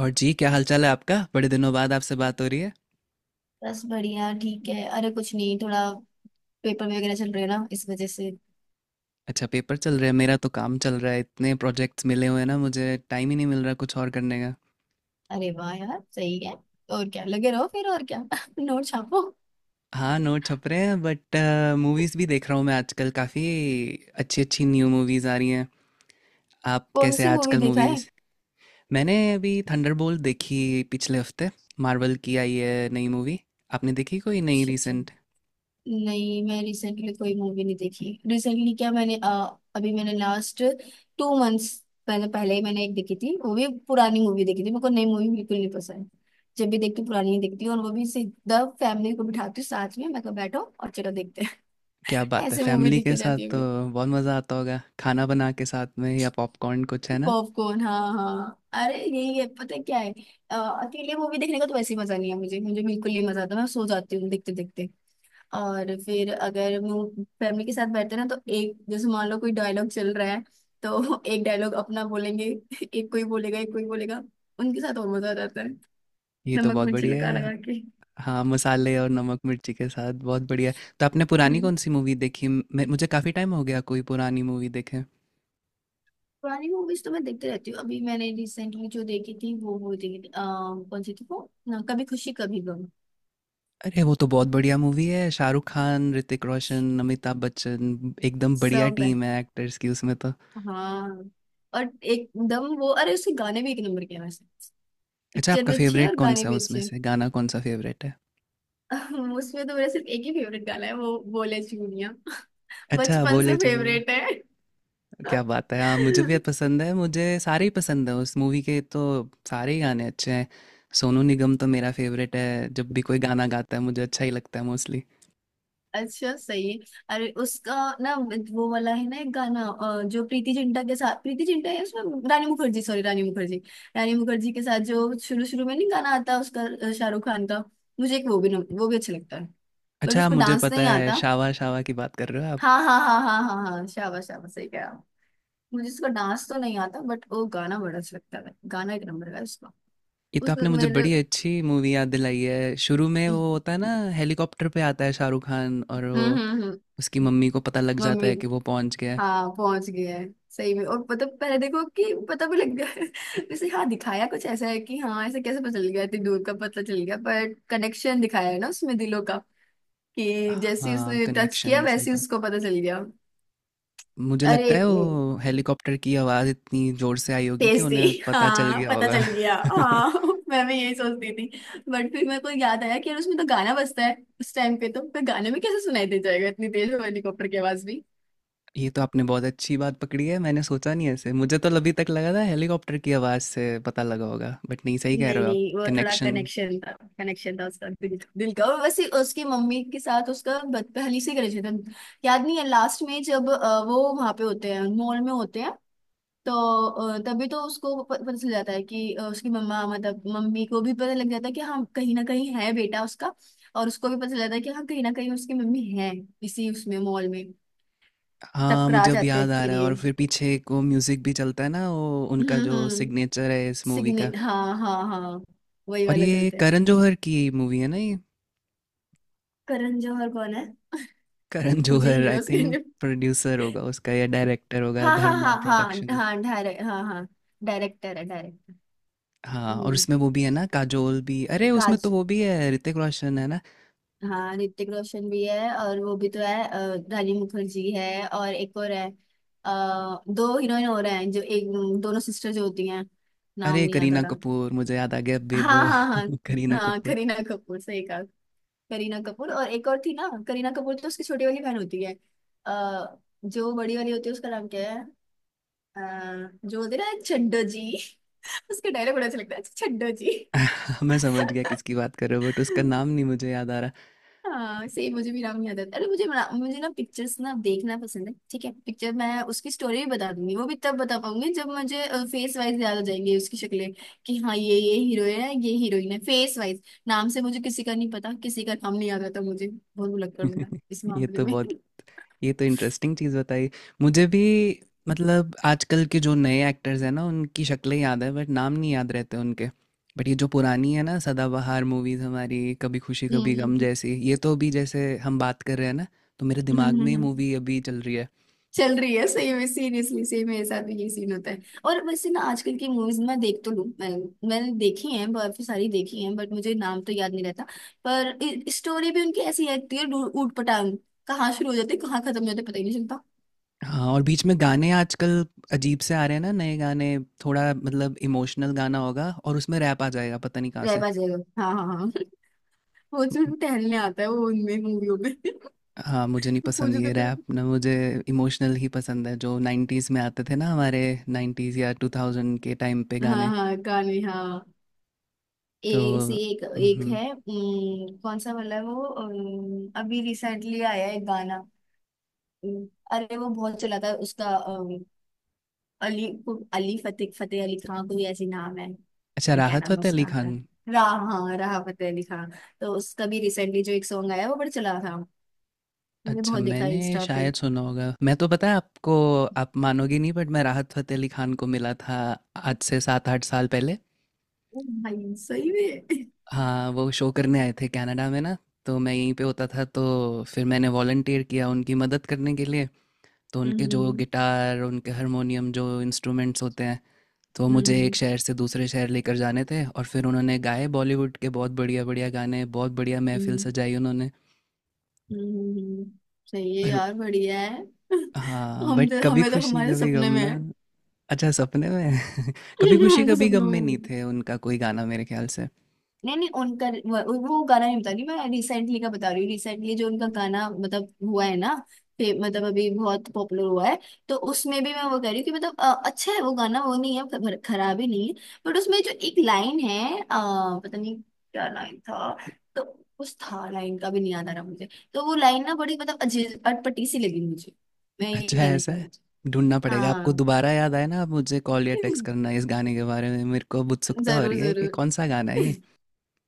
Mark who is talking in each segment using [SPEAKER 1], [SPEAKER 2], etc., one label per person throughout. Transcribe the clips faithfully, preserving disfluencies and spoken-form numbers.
[SPEAKER 1] और जी क्या हालचाल है आपका। बड़े दिनों बाद आपसे बात हो रही है।
[SPEAKER 2] बस बढ़िया ठीक है। अरे कुछ नहीं, थोड़ा पेपर वगैरह चल रहे हैं ना, इस वजह से।
[SPEAKER 1] अच्छा पेपर चल रहे हैं। मेरा तो काम चल रहा है, इतने प्रोजेक्ट्स मिले हुए हैं ना, मुझे टाइम ही नहीं मिल रहा कुछ और करने का।
[SPEAKER 2] अरे वाह यार, सही है। और क्या, लगे रहो फिर, और क्या। नोट छापो।
[SPEAKER 1] हाँ नोट छप रहे हैं, बट मूवीज़ भी देख रहा हूँ मैं आजकल काफ़ी। अच्छी अच्छी न्यू मूवीज़ आ रही हैं। आप
[SPEAKER 2] कौन
[SPEAKER 1] कैसे हैं
[SPEAKER 2] सी मूवी
[SPEAKER 1] आजकल?
[SPEAKER 2] देखा है?
[SPEAKER 1] मूवीज़ मैंने अभी थंडरबोल्ट देखी पिछले हफ्ते। मार्वल की आई है नई मूवी। आपने देखी कोई नई
[SPEAKER 2] अच्छा, अच्छा।
[SPEAKER 1] रिसेंट?
[SPEAKER 2] नहीं, मैं रिसेंटली कोई मूवी नहीं देखी। रिसेंटली क्या मैंने, अ, अभी मैंने लास्ट टू मंथ्स पहले पहले ही मैंने एक देखी थी। वो भी पुरानी मूवी देखी थी। मेरे को नई मूवी बिल्कुल नहीं पसंद। जब भी देखती हूँ पुरानी ही देखती हूँ, और वो भी सीधा फैमिली को बिठाती हूँ साथ में। मैं कहा बैठो और चलो देखते हैं।
[SPEAKER 1] क्या बात है,
[SPEAKER 2] ऐसे मूवी
[SPEAKER 1] फैमिली के
[SPEAKER 2] देखी
[SPEAKER 1] साथ
[SPEAKER 2] जाती
[SPEAKER 1] तो
[SPEAKER 2] है।
[SPEAKER 1] बहुत मज़ा आता होगा। खाना बना के साथ में या पॉपकॉर्न कुछ है ना?
[SPEAKER 2] पॉपकॉर्न, हाँ हाँ, अरे यही है, पता है क्या है। अ, अकेले मूवी देखने का तो वैसे ही मजा नहीं है मुझे मुझे बिल्कुल नहीं मजा आता, मैं सो जाती हूँ देखते देखते। और फिर अगर मैं फैमिली के साथ बैठते हैं ना, तो एक जैसे मान लो कोई डायलॉग चल रहा है, तो एक डायलॉग अपना बोलेंगे, एक कोई बोलेगा, एक कोई बोलेगा, उनके साथ और मजा आ जाता है।
[SPEAKER 1] ये तो
[SPEAKER 2] नमक
[SPEAKER 1] बहुत
[SPEAKER 2] मिर्ची
[SPEAKER 1] बढ़िया
[SPEAKER 2] लगा
[SPEAKER 1] है।
[SPEAKER 2] लगा के।
[SPEAKER 1] हाँ मसाले और नमक मिर्ची के साथ बहुत बढ़िया। तो आपने पुरानी
[SPEAKER 2] हम्म।
[SPEAKER 1] कौन सी मूवी देखी? मैं मुझे काफ़ी टाइम हो गया कोई पुरानी मूवी देखे।
[SPEAKER 2] पुरानी मूवीज तो मैं देखते रहती हूँ। अभी मैंने रिसेंटली जो देखी थी, वो वो देखी थी, अ, कौन सी थी वो ना, कभी खुशी कभी गम।
[SPEAKER 1] अरे वो तो बहुत बढ़िया मूवी है। शाहरुख खान, ऋतिक रोशन, अमिताभ बच्चन, एकदम बढ़िया
[SPEAKER 2] सब।
[SPEAKER 1] टीम है एक्टर्स की उसमें तो।
[SPEAKER 2] हाँ। और एकदम वो, अरे उसके गाने भी एक नंबर के हैं वैसे।
[SPEAKER 1] अच्छा
[SPEAKER 2] पिक्चर
[SPEAKER 1] आपका
[SPEAKER 2] भी अच्छी है
[SPEAKER 1] फेवरेट
[SPEAKER 2] और
[SPEAKER 1] कौन
[SPEAKER 2] गाने
[SPEAKER 1] सा है
[SPEAKER 2] भी
[SPEAKER 1] उसमें
[SPEAKER 2] अच्छे
[SPEAKER 1] से, गाना कौन सा फेवरेट है?
[SPEAKER 2] हैं। उसमें तो मेरा सिर्फ एक ही फेवरेट गाना है, वो बोले चूड़ियां।
[SPEAKER 1] अच्छा,
[SPEAKER 2] बचपन से
[SPEAKER 1] बोले चुड़िया।
[SPEAKER 2] फेवरेट है।
[SPEAKER 1] क्या बात है, हाँ मुझे भी पसंद है। मुझे सारे ही पसंद है उस मूवी के तो। सारे ही गाने अच्छे हैं। सोनू निगम तो मेरा फेवरेट है, जब भी कोई गाना गाता है मुझे अच्छा ही लगता है मोस्टली।
[SPEAKER 2] अच्छा, सही है। अरे उसका ना, वो वाला है ना एक गाना, अ, जो प्रीति जिंटा के साथ, प्रीति जिंटा है उसमें, रानी मुखर्जी, सॉरी रानी मुखर्जी, रानी मुखर्जी के साथ जो शुरू शुरू में नहीं गाना आता उसका, अ, शाहरुख खान का। मुझे एक वो भी न, वो भी अच्छा लगता है। बट उस
[SPEAKER 1] अच्छा,
[SPEAKER 2] पर
[SPEAKER 1] मुझे
[SPEAKER 2] डांस
[SPEAKER 1] पता
[SPEAKER 2] नहीं
[SPEAKER 1] है,
[SPEAKER 2] आता।
[SPEAKER 1] शावा शावा की बात कर रहे हो आप।
[SPEAKER 2] हाँ हाँ हाँ हाँ हाँ हाँ, शाबाश शाबाश, सही कह रहा हूँ। मुझे उसका डांस तो नहीं आता, बट वो गाना बड़ा अच्छा लगता है, गाना एक नंबर का है उसका।
[SPEAKER 1] ये तो आपने
[SPEAKER 2] उसका
[SPEAKER 1] मुझे
[SPEAKER 2] मेरे।
[SPEAKER 1] बड़ी अच्छी मूवी याद दिलाई है। शुरू में वो
[SPEAKER 2] हम्म
[SPEAKER 1] होता है ना, हेलीकॉप्टर पे आता है शाहरुख खान और वो,
[SPEAKER 2] हम्म हम्म।
[SPEAKER 1] उसकी मम्मी को पता लग जाता
[SPEAKER 2] मम्मी।
[SPEAKER 1] है कि वो पहुंच गया है।
[SPEAKER 2] हाँ पहुंच गए हैं, सही में। और पता पहले देखो कि, पता भी लग गया है। वैसे हाँ, दिखाया कुछ ऐसा है कि हाँ ऐसे कैसे पता चल गया, इतनी दूर का पता चल गया, बट कनेक्शन दिखाया है ना उसमें, दिलों का। कि जैसे ही
[SPEAKER 1] हाँ,
[SPEAKER 2] उसने टच किया,
[SPEAKER 1] कनेक्शन, सही
[SPEAKER 2] वैसे ही
[SPEAKER 1] बात
[SPEAKER 2] उसको पता चल गया।
[SPEAKER 1] है। मुझे
[SPEAKER 2] अरे
[SPEAKER 1] लगता है
[SPEAKER 2] एक।
[SPEAKER 1] वो हेलीकॉप्टर की आवाज़ इतनी ज़ोर से आई होगी कि
[SPEAKER 2] तेज थी।
[SPEAKER 1] उन्हें पता चल
[SPEAKER 2] हाँ
[SPEAKER 1] गया
[SPEAKER 2] पता
[SPEAKER 1] होगा।
[SPEAKER 2] चल गया, हाँ। मैं भी यही सोचती थी। बट फिर मेरे को याद आया कि यार, उसमें तो गाना बजता है, उस टाइम पे तो फिर गाने में कैसे सुनाई दे जाएगा इतनी तेज हेलीकॉप्टर की आवाज भी।
[SPEAKER 1] ये तो आपने बहुत अच्छी बात पकड़ी है, मैंने सोचा नहीं ऐसे। मुझे तो अभी तक लगा था हेलीकॉप्टर की आवाज़ से पता लगा होगा, बट नहीं, सही कह
[SPEAKER 2] नहीं
[SPEAKER 1] रहे हो आप,
[SPEAKER 2] नहीं, वो थोड़ा
[SPEAKER 1] कनेक्शन।
[SPEAKER 2] कनेक्शन था। कनेक्शन था उसका, दिल, दिल का। और वैसे उसकी मम्मी के साथ उसका बद- पहली से कनेक्शन था। याद नहीं है लास्ट में जब, अ, वो वहां पे होते हैं, मॉल में होते हैं, तो, अ, तभी तो उसको प- पता चल जाता है कि, अ, उसकी मम्मा मतलब मम्मी को भी पता लग जाता है कि हाँ कहीं ना कहीं है बेटा उसका, और उसको भी पता चल जाता है कि हाँ कहीं ना कहीं उसकी मम्मी है, इसी उसमें मॉल में।
[SPEAKER 1] हाँ
[SPEAKER 2] टकरा
[SPEAKER 1] मुझे अब
[SPEAKER 2] जाते हैं
[SPEAKER 1] याद आ
[SPEAKER 2] फिर
[SPEAKER 1] रहा है।
[SPEAKER 2] ये।
[SPEAKER 1] और फिर पीछे एक वो म्यूजिक भी चलता है ना, वो उनका
[SPEAKER 2] हम्म
[SPEAKER 1] जो
[SPEAKER 2] हम्म।
[SPEAKER 1] सिग्नेचर है इस मूवी
[SPEAKER 2] सिग्ने
[SPEAKER 1] का।
[SPEAKER 2] हाँ हाँ हाँ, वही
[SPEAKER 1] और
[SPEAKER 2] वाला
[SPEAKER 1] ये
[SPEAKER 2] चलते हैं।
[SPEAKER 1] करण जौहर की मूवी है ना ये?
[SPEAKER 2] करण जौहर कौन है?
[SPEAKER 1] करण
[SPEAKER 2] मुझे
[SPEAKER 1] जौहर आई
[SPEAKER 2] हीरोज के
[SPEAKER 1] थिंक
[SPEAKER 2] name-।
[SPEAKER 1] प्रोड्यूसर होगा उसका या डायरेक्टर होगा,
[SPEAKER 2] हाँ हाँ
[SPEAKER 1] धर्मा
[SPEAKER 2] हाँ हाँ
[SPEAKER 1] प्रोडक्शन।
[SPEAKER 2] हाँ, डायरेक्ट हाँ हाँ, डायरेक्टर है, डायरेक्टर।
[SPEAKER 1] हाँ और
[SPEAKER 2] हम्म।
[SPEAKER 1] उसमें वो भी है ना, काजोल भी। अरे उसमें तो
[SPEAKER 2] काज
[SPEAKER 1] वो भी है, ऋतिक रोशन है ना।
[SPEAKER 2] हाँ, ऋतिक रोशन भी है, और वो भी तो है, अ, रानी मुखर्जी है, और एक और है, अ, दो हीरोइन और हैं जो एक, दोनों सिस्टर जो होती हैं, नाम
[SPEAKER 1] अरे
[SPEAKER 2] नहीं याद आ
[SPEAKER 1] करीना
[SPEAKER 2] रहा।
[SPEAKER 1] कपूर, मुझे याद आ गया,
[SPEAKER 2] हाँ
[SPEAKER 1] बेबो।
[SPEAKER 2] हाँ हाँ
[SPEAKER 1] करीना
[SPEAKER 2] हाँ,
[SPEAKER 1] कपूर।
[SPEAKER 2] करीना कपूर, सही कहा। करीना कपूर और एक और थी ना, करीना कपूर तो उसकी छोटी वाली बहन होती है। अ, जो बड़ी वाली होती है, उसका नाम क्या है? अ, जो होती है ना, छड्डो जी। उसका डायलॉग बड़ा अच्छा लगता है, छड्डो जी।
[SPEAKER 1] मैं समझ गया किसकी बात कर रहे हो, बट उसका नाम नहीं मुझे याद आ रहा।
[SPEAKER 2] हाँ सही, मुझे भी नाम याद आता है। अरे मुझे ना- मुझे ना पिक्चर्स ना देखना पसंद है। ठीक है, पिक्चर मैं उसकी स्टोरी भी बता दूंगी, वो भी तब बता पाऊंगी जब मुझे फेस वाइज याद हो जाएंगे उसकी शक्लें, कि हाँ ये ये हीरोइन है, ये हीरोइन है, फेस वाइज। नाम से मुझे किसी का नहीं पता, किसी का नाम नहीं याद आता मुझे। बहुत भुलक्कड़ हूँ मैं इस
[SPEAKER 1] ये
[SPEAKER 2] मामले
[SPEAKER 1] तो
[SPEAKER 2] में।
[SPEAKER 1] बहुत, ये तो इंटरेस्टिंग चीज़ बताई। मुझे भी, मतलब आजकल के जो नए एक्टर्स हैं ना, उनकी शक्लें याद है बट नाम नहीं याद रहते उनके। बट ये जो पुरानी है ना सदाबहार मूवीज़ हमारी, कभी खुशी कभी
[SPEAKER 2] हम्म
[SPEAKER 1] गम जैसी, ये तो अभी जैसे हम बात कर रहे हैं ना, तो मेरे
[SPEAKER 2] हम्म
[SPEAKER 1] दिमाग में
[SPEAKER 2] हम्म,
[SPEAKER 1] ये
[SPEAKER 2] हम्म।
[SPEAKER 1] मूवी अभी चल रही है।
[SPEAKER 2] चल रही है सही में, सीरियसली। सही, मेरे साथ भी यही सीन होता है। और वैसे ना, आजकल की मूवीज मैं देख तो लूँ, मैं, मैंने देखी हैं, काफी सारी देखी हैं, बट मुझे नाम तो याद नहीं रहता। पर स्टोरी भी उनकी ऐसी रहती है, ऊट ऊट पटांग, कहाँ शुरू हो जाती है कहाँ खत्म हो जाती है पता ही नहीं चलता।
[SPEAKER 1] हाँ, और बीच में गाने आजकल अजीब से आ रहे हैं ना नए गाने, थोड़ा मतलब इमोशनल गाना होगा और उसमें रैप आ जाएगा पता नहीं कहाँ से।
[SPEAKER 2] रहबा जयलो, हाँ हाँ हाँ। वो जो टहलने आता है, वो उनमें मूवियों में।
[SPEAKER 1] हाँ, मुझे नहीं
[SPEAKER 2] वो
[SPEAKER 1] पसंद
[SPEAKER 2] जो
[SPEAKER 1] ये
[SPEAKER 2] तो।
[SPEAKER 1] रैप ना। मुझे इमोशनल ही पसंद है जो नाइंटीज़ में आते थे ना हमारे, नाइंटीज़ या दो हज़ार के टाइम पे
[SPEAKER 2] हाँ
[SPEAKER 1] गाने
[SPEAKER 2] हाँ, गाने, हाँ।
[SPEAKER 1] तो।
[SPEAKER 2] ऐसी एक एक
[SPEAKER 1] हम्म।
[SPEAKER 2] है, अम, कौन सा वाला है वो, अम, अभी रिसेंटली आया है एक गाना। हम्म, अरे वो बहुत चला था उसका, अम, अली को, अली फतेह फतेह अली खां कोई ऐसी नाम है।
[SPEAKER 1] अच्छा,
[SPEAKER 2] क्या
[SPEAKER 1] राहत
[SPEAKER 2] नाम है
[SPEAKER 1] फ़तेह अली
[SPEAKER 2] उसका आता
[SPEAKER 1] खान।
[SPEAKER 2] है? राह। हाँ, राह फतेह अली खां। तो उसका भी रिसेंटली जो एक सॉन्ग आया वो बड़ा चला था। मैंने
[SPEAKER 1] अच्छा
[SPEAKER 2] बहुत देखा
[SPEAKER 1] मैंने
[SPEAKER 2] इंस्टा पे।
[SPEAKER 1] शायद सुना होगा। मैं तो, पता है आपको, आप मानोगे नहीं बट मैं राहत फ़तेह अली खान को मिला था आज से सात आठ साल पहले।
[SPEAKER 2] ओ भाई, सही में।
[SPEAKER 1] हाँ वो शो करने आए थे कनाडा में ना, तो मैं यहीं पे होता था तो फिर मैंने वॉलंटियर किया उनकी मदद करने के लिए। तो उनके जो
[SPEAKER 2] हम्म
[SPEAKER 1] गिटार, उनके हारमोनियम, जो इंस्ट्रूमेंट्स होते हैं, तो
[SPEAKER 2] हम्म हम्म
[SPEAKER 1] मुझे
[SPEAKER 2] हम्म,
[SPEAKER 1] एक शहर से दूसरे शहर लेकर जाने थे। और फिर उन्होंने गाए बॉलीवुड के बहुत बढ़िया बढ़िया गाने, बहुत बढ़िया महफिल
[SPEAKER 2] हम्म,
[SPEAKER 1] सजाई उन्होंने।
[SPEAKER 2] हम्म, हम्म, हम्म। सही है
[SPEAKER 1] पर,
[SPEAKER 2] यार, बढ़िया है।
[SPEAKER 1] हाँ
[SPEAKER 2] हम
[SPEAKER 1] बट
[SPEAKER 2] तो
[SPEAKER 1] कभी
[SPEAKER 2] हमें तो
[SPEAKER 1] खुशी
[SPEAKER 2] हमारे
[SPEAKER 1] कभी गम
[SPEAKER 2] सपने में
[SPEAKER 1] ना।
[SPEAKER 2] है।
[SPEAKER 1] अच्छा सपने में। कभी खुशी
[SPEAKER 2] हम तो
[SPEAKER 1] कभी गम
[SPEAKER 2] सपनों में
[SPEAKER 1] में नहीं
[SPEAKER 2] मिलते हैं।
[SPEAKER 1] थे उनका कोई गाना मेरे ख्याल से।
[SPEAKER 2] नहीं नहीं, उनका, वो वो गाना नहीं बता रही मैं, रिसेंटली का बता रही हूँ। रिसेंटली जो उनका गाना मतलब हुआ है ना, फे- मतलब अभी बहुत पॉपुलर हुआ है, तो उसमें भी मैं वो कह रही हूँ कि मतलब, अ, अच्छा है वो गाना, वो नहीं है खर- खराब ही नहीं है, बट उसमें जो एक लाइन है, अ, पता नहीं क्या लाइन था, तो उस था लाइन का भी नहीं याद आ रहा मुझे, तो वो लाइन ना बड़ी मतलब अजीब अटपटी सी लगी मुझे, मैं ये
[SPEAKER 1] अच्छा
[SPEAKER 2] कहना
[SPEAKER 1] ऐसा
[SPEAKER 2] चाह
[SPEAKER 1] है।
[SPEAKER 2] रही थी।
[SPEAKER 1] ढूंढना पड़ेगा आपको,
[SPEAKER 2] हाँ।
[SPEAKER 1] दोबारा याद आए ना आप मुझे कॉल या टेक्स्ट करना इस गाने के बारे में, मेरे को अब उत्सुकता हो
[SPEAKER 2] जरूर
[SPEAKER 1] रही है कि
[SPEAKER 2] जरूर।
[SPEAKER 1] कौन सा गाना है ये।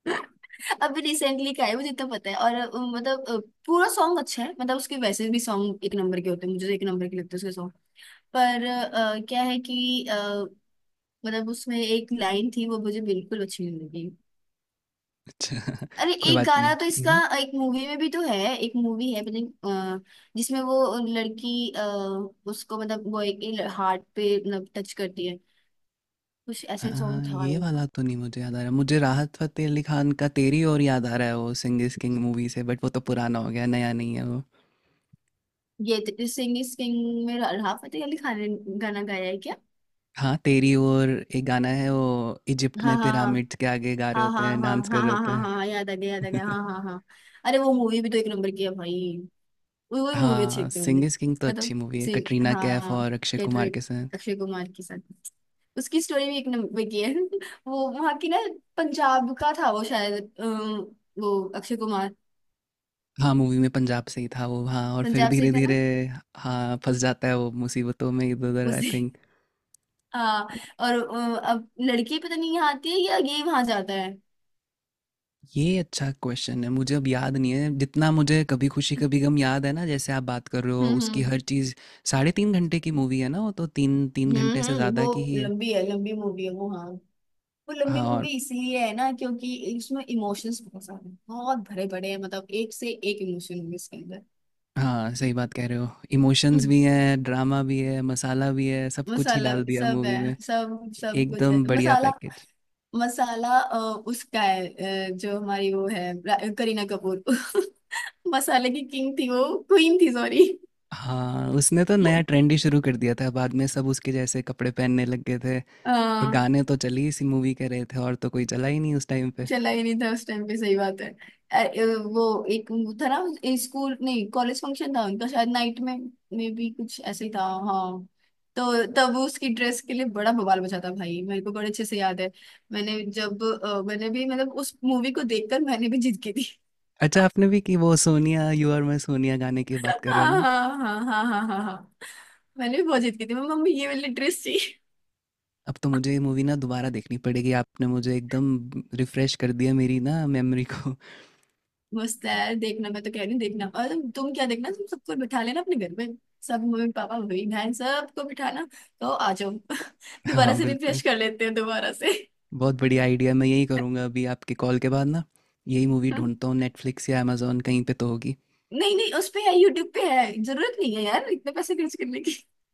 [SPEAKER 2] अभी रिसेंटली का है, मुझे इतना पता है। और अ, मतलब, अ, पूरा सॉन्ग अच्छा है, मतलब उसके वैसे भी सॉन्ग एक नंबर के होते हैं, मुझे तो एक नंबर के लगते हैं उसके सॉन्ग। पर अ, क्या है कि, अ, मतलब उसमें एक लाइन थी वो मुझे बिल्कुल अच्छी नहीं लगी।
[SPEAKER 1] अच्छा।
[SPEAKER 2] अरे
[SPEAKER 1] कोई
[SPEAKER 2] एक
[SPEAKER 1] बात नहीं।
[SPEAKER 2] गाना तो इसका
[SPEAKER 1] हम्म।
[SPEAKER 2] एक मूवी में भी तो है। एक मूवी है पता नहीं, अ, जिसमें वो लड़की, अ, उसको मतलब वो एक हार्ट पे मतलब टच करती है, कुछ
[SPEAKER 1] अ,
[SPEAKER 2] ऐसा सॉन्ग था
[SPEAKER 1] ये
[SPEAKER 2] एक।
[SPEAKER 1] वाला तो नहीं मुझे याद आ रहा। मुझे राहत फ़तेह अली खान का तेरी ओर याद आ रहा है, वो सिंह इज़ किंग मूवी से, बट वो तो पुराना हो गया, नया नहीं है वो।
[SPEAKER 2] ये सिंग इज किंग में राहत फतेह अली खान ने गाना गाया है क्या?
[SPEAKER 1] हाँ, तेरी ओर एक गाना है वो, इजिप्ट में
[SPEAKER 2] हाँ हाँ
[SPEAKER 1] पिरामिड्स के आगे गा रहे
[SPEAKER 2] हाँ हाँ
[SPEAKER 1] होते
[SPEAKER 2] हाँ
[SPEAKER 1] हैं,
[SPEAKER 2] हाँ
[SPEAKER 1] डांस कर
[SPEAKER 2] हाँ
[SPEAKER 1] रहे
[SPEAKER 2] हाँ
[SPEAKER 1] होते
[SPEAKER 2] हाँ
[SPEAKER 1] हैं।
[SPEAKER 2] हाँ हाँ, याद आ गया, याद आ गया, हाँ हाँ हाँ। अरे वो मूवी भी तो एक नंबर की है भाई। वही वही मूवी अच्छी
[SPEAKER 1] हाँ,
[SPEAKER 2] लगती है
[SPEAKER 1] सिंह
[SPEAKER 2] मुझे।
[SPEAKER 1] इज़ किंग तो अच्छी
[SPEAKER 2] मतलब।
[SPEAKER 1] मूवी है,
[SPEAKER 2] सी।
[SPEAKER 1] कटरीना कैफ
[SPEAKER 2] हाँ।
[SPEAKER 1] और अक्षय कुमार
[SPEAKER 2] कैटरेक,
[SPEAKER 1] के साथ।
[SPEAKER 2] अक्षय कुमार के साथ। उसकी स्टोरी भी एक नंबर की है। वो वहाँ की ना, पंजाब का था वो शायद, अम, वो अक्षय कुमार।
[SPEAKER 1] हाँ, मूवी में पंजाब से ही था वो। हाँ और फिर
[SPEAKER 2] पंजाब से ही था ना।
[SPEAKER 1] धीरे-धीरे, हाँ, फँस जाता है वो मुसीबतों में इधर-उधर आई
[SPEAKER 2] उसे।
[SPEAKER 1] थिंक।
[SPEAKER 2] हाँ। और अम, अब लड़की पता नहीं यहाँ आती है या ये वहां जाता है।
[SPEAKER 1] ये अच्छा क्वेश्चन है, मुझे अब याद नहीं है। जितना मुझे कभी खुशी कभी गम याद है ना, जैसे आप बात कर रहे हो
[SPEAKER 2] हम्म
[SPEAKER 1] उसकी
[SPEAKER 2] हम्म
[SPEAKER 1] हर चीज़। साढ़े तीन घंटे की मूवी है ना वो, तो तीन तीन
[SPEAKER 2] हम्म
[SPEAKER 1] घंटे से
[SPEAKER 2] हम्म,
[SPEAKER 1] ज़्यादा की
[SPEAKER 2] वो
[SPEAKER 1] ही है।
[SPEAKER 2] लंबी है, लंबी मूवी है वो, हाँ। वो लंबी
[SPEAKER 1] हाँ और,
[SPEAKER 2] मूवी इसलिए है ना, क्योंकि इसमें इमोशंस बहुत सारे हैं, बहुत भरे पड़े हैं, मतलब एक से एक इमोशन है इसके अंदर।
[SPEAKER 1] हाँ सही बात कह रहे हो। इमोशंस
[SPEAKER 2] हम्म,
[SPEAKER 1] भी हैं, ड्रामा भी है, मसाला भी है, सब कुछ ही
[SPEAKER 2] मसाला
[SPEAKER 1] डाल
[SPEAKER 2] भी
[SPEAKER 1] दिया
[SPEAKER 2] सब
[SPEAKER 1] मूवी
[SPEAKER 2] है,
[SPEAKER 1] में।
[SPEAKER 2] सब सब कुछ है
[SPEAKER 1] एकदम बढ़िया
[SPEAKER 2] मसाला।
[SPEAKER 1] पैकेज।
[SPEAKER 2] मसाला, अ, उसका है, अ, जो हमारी वो है, रा- करीना कपूर। मसाले की किंग थी वो, क्वीन थी, सॉरी।
[SPEAKER 1] हाँ उसने तो नया ट्रेंड ही शुरू कर दिया था, बाद में सब उसके जैसे कपड़े पहनने लग गए थे। और गाने तो चल ही इसी मूवी के रहे थे, और तो कोई चला ही नहीं उस टाइम।
[SPEAKER 2] चला ही नहीं था उस टाइम पे, सही बात है। अ- अ, वो, एक वो था ना, ए, स्कूल नहीं कॉलेज फंक्शन था उनका शायद नाइट में में भी कुछ ऐसे ही था, हाँ, तो, तब उसकी ड्रेस के लिए बड़ा बवाल मचा था भाई, मेरे को बड़े अच्छे से याद है। मैंने जब अ, मैंने भी मतलब उस मूवी को देखकर मैंने भी जिद की थी।
[SPEAKER 1] अच्छा, आपने भी? कि वो सोनिया यू और मैं सोनिया गाने की बात कर रहे हो
[SPEAKER 2] हाँ
[SPEAKER 1] ना?
[SPEAKER 2] हाँ हाँ हाँ हाँ हाँ हाँ। मैंने भी बहुत जिद की थी, मम्मी ये वाली ड्रेस चाहिए।
[SPEAKER 1] अब तो मुझे ये मूवी ना दोबारा देखनी पड़ेगी। आपने मुझे एकदम रिफ्रेश कर दिया मेरी ना मेमोरी को।
[SPEAKER 2] मस्त है, देखना, मैं तो कह रही हूँ देखना। और तुम क्या, देखना तुम सबको बिठा लेना अपने घर में, सब मम्मी पापा भाई बहन सबको बिठाना, तो आ जाओ।
[SPEAKER 1] हाँ,
[SPEAKER 2] दोबारा से
[SPEAKER 1] बिल्कुल।
[SPEAKER 2] रिफ्रेश कर लेते हैं दोबारा से।
[SPEAKER 1] बहुत बढ़िया आइडिया, मैं यही करूँगा अभी आपके कॉल के बाद ना, यही मूवी ढूँढता हूँ, नेटफ्लिक्स या अमेज़न कहीं पे तो होगी।
[SPEAKER 2] नहीं नहीं, उस पे है, यूट्यूब पे है, जरूरत नहीं है यार इतने पैसे खर्च करने की।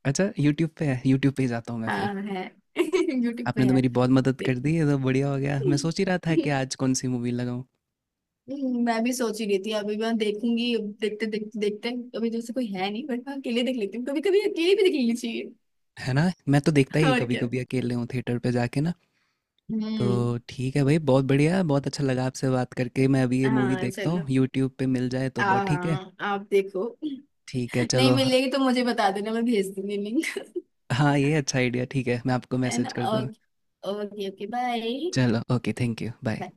[SPEAKER 1] अच्छा यूट्यूब पे है, यूट्यूब पे ही जाता हूँ मैं फिर।
[SPEAKER 2] हाँ है। यूट्यूब
[SPEAKER 1] आपने
[SPEAKER 2] पे
[SPEAKER 1] तो
[SPEAKER 2] है।
[SPEAKER 1] मेरी बहुत मदद कर
[SPEAKER 2] देख।
[SPEAKER 1] दी, ये तो बढ़िया हो गया। मैं सोच ही रहा था कि आज कौन-सी मूवी लगाऊँ।
[SPEAKER 2] हम्म, मैं भी सोच ही रही थी, अभी मैं देखूंगी, देखते देखते देखते। अभी जैसे कोई है नहीं, बट मैं अकेले देख लेती हूँ, कभी कभी अकेले भी देख लेनी चाहिए।
[SPEAKER 1] है ना? मैं तो देखता ही
[SPEAKER 2] और क्या।
[SPEAKER 1] कभी-कभी अकेले हूँ, थिएटर पे जाके ना। तो
[SPEAKER 2] हम्म।
[SPEAKER 1] ठीक है भाई, बहुत बढ़िया, बहुत अच्छा लगा आपसे बात करके। मैं अभी ये मूवी
[SPEAKER 2] हाँ
[SPEAKER 1] देखता
[SPEAKER 2] चलो।
[SPEAKER 1] हूँ यूट्यूब पे, मिल जाए तो बहुत ठीक है।
[SPEAKER 2] हाँ आप देखो।
[SPEAKER 1] ठीक है
[SPEAKER 2] नहीं
[SPEAKER 1] चलो हाँ।
[SPEAKER 2] मिलेगी तो मुझे बता देना, मैं भेज दूंगी लिंक।
[SPEAKER 1] हाँ, ये अच्छा आइडिया, ठीक है मैं आपको
[SPEAKER 2] है ना।
[SPEAKER 1] मैसेज कर दूंगा।
[SPEAKER 2] ओके। Okay, okay.
[SPEAKER 1] चलो, okay, thank you, bye.
[SPEAKER 2] Bye.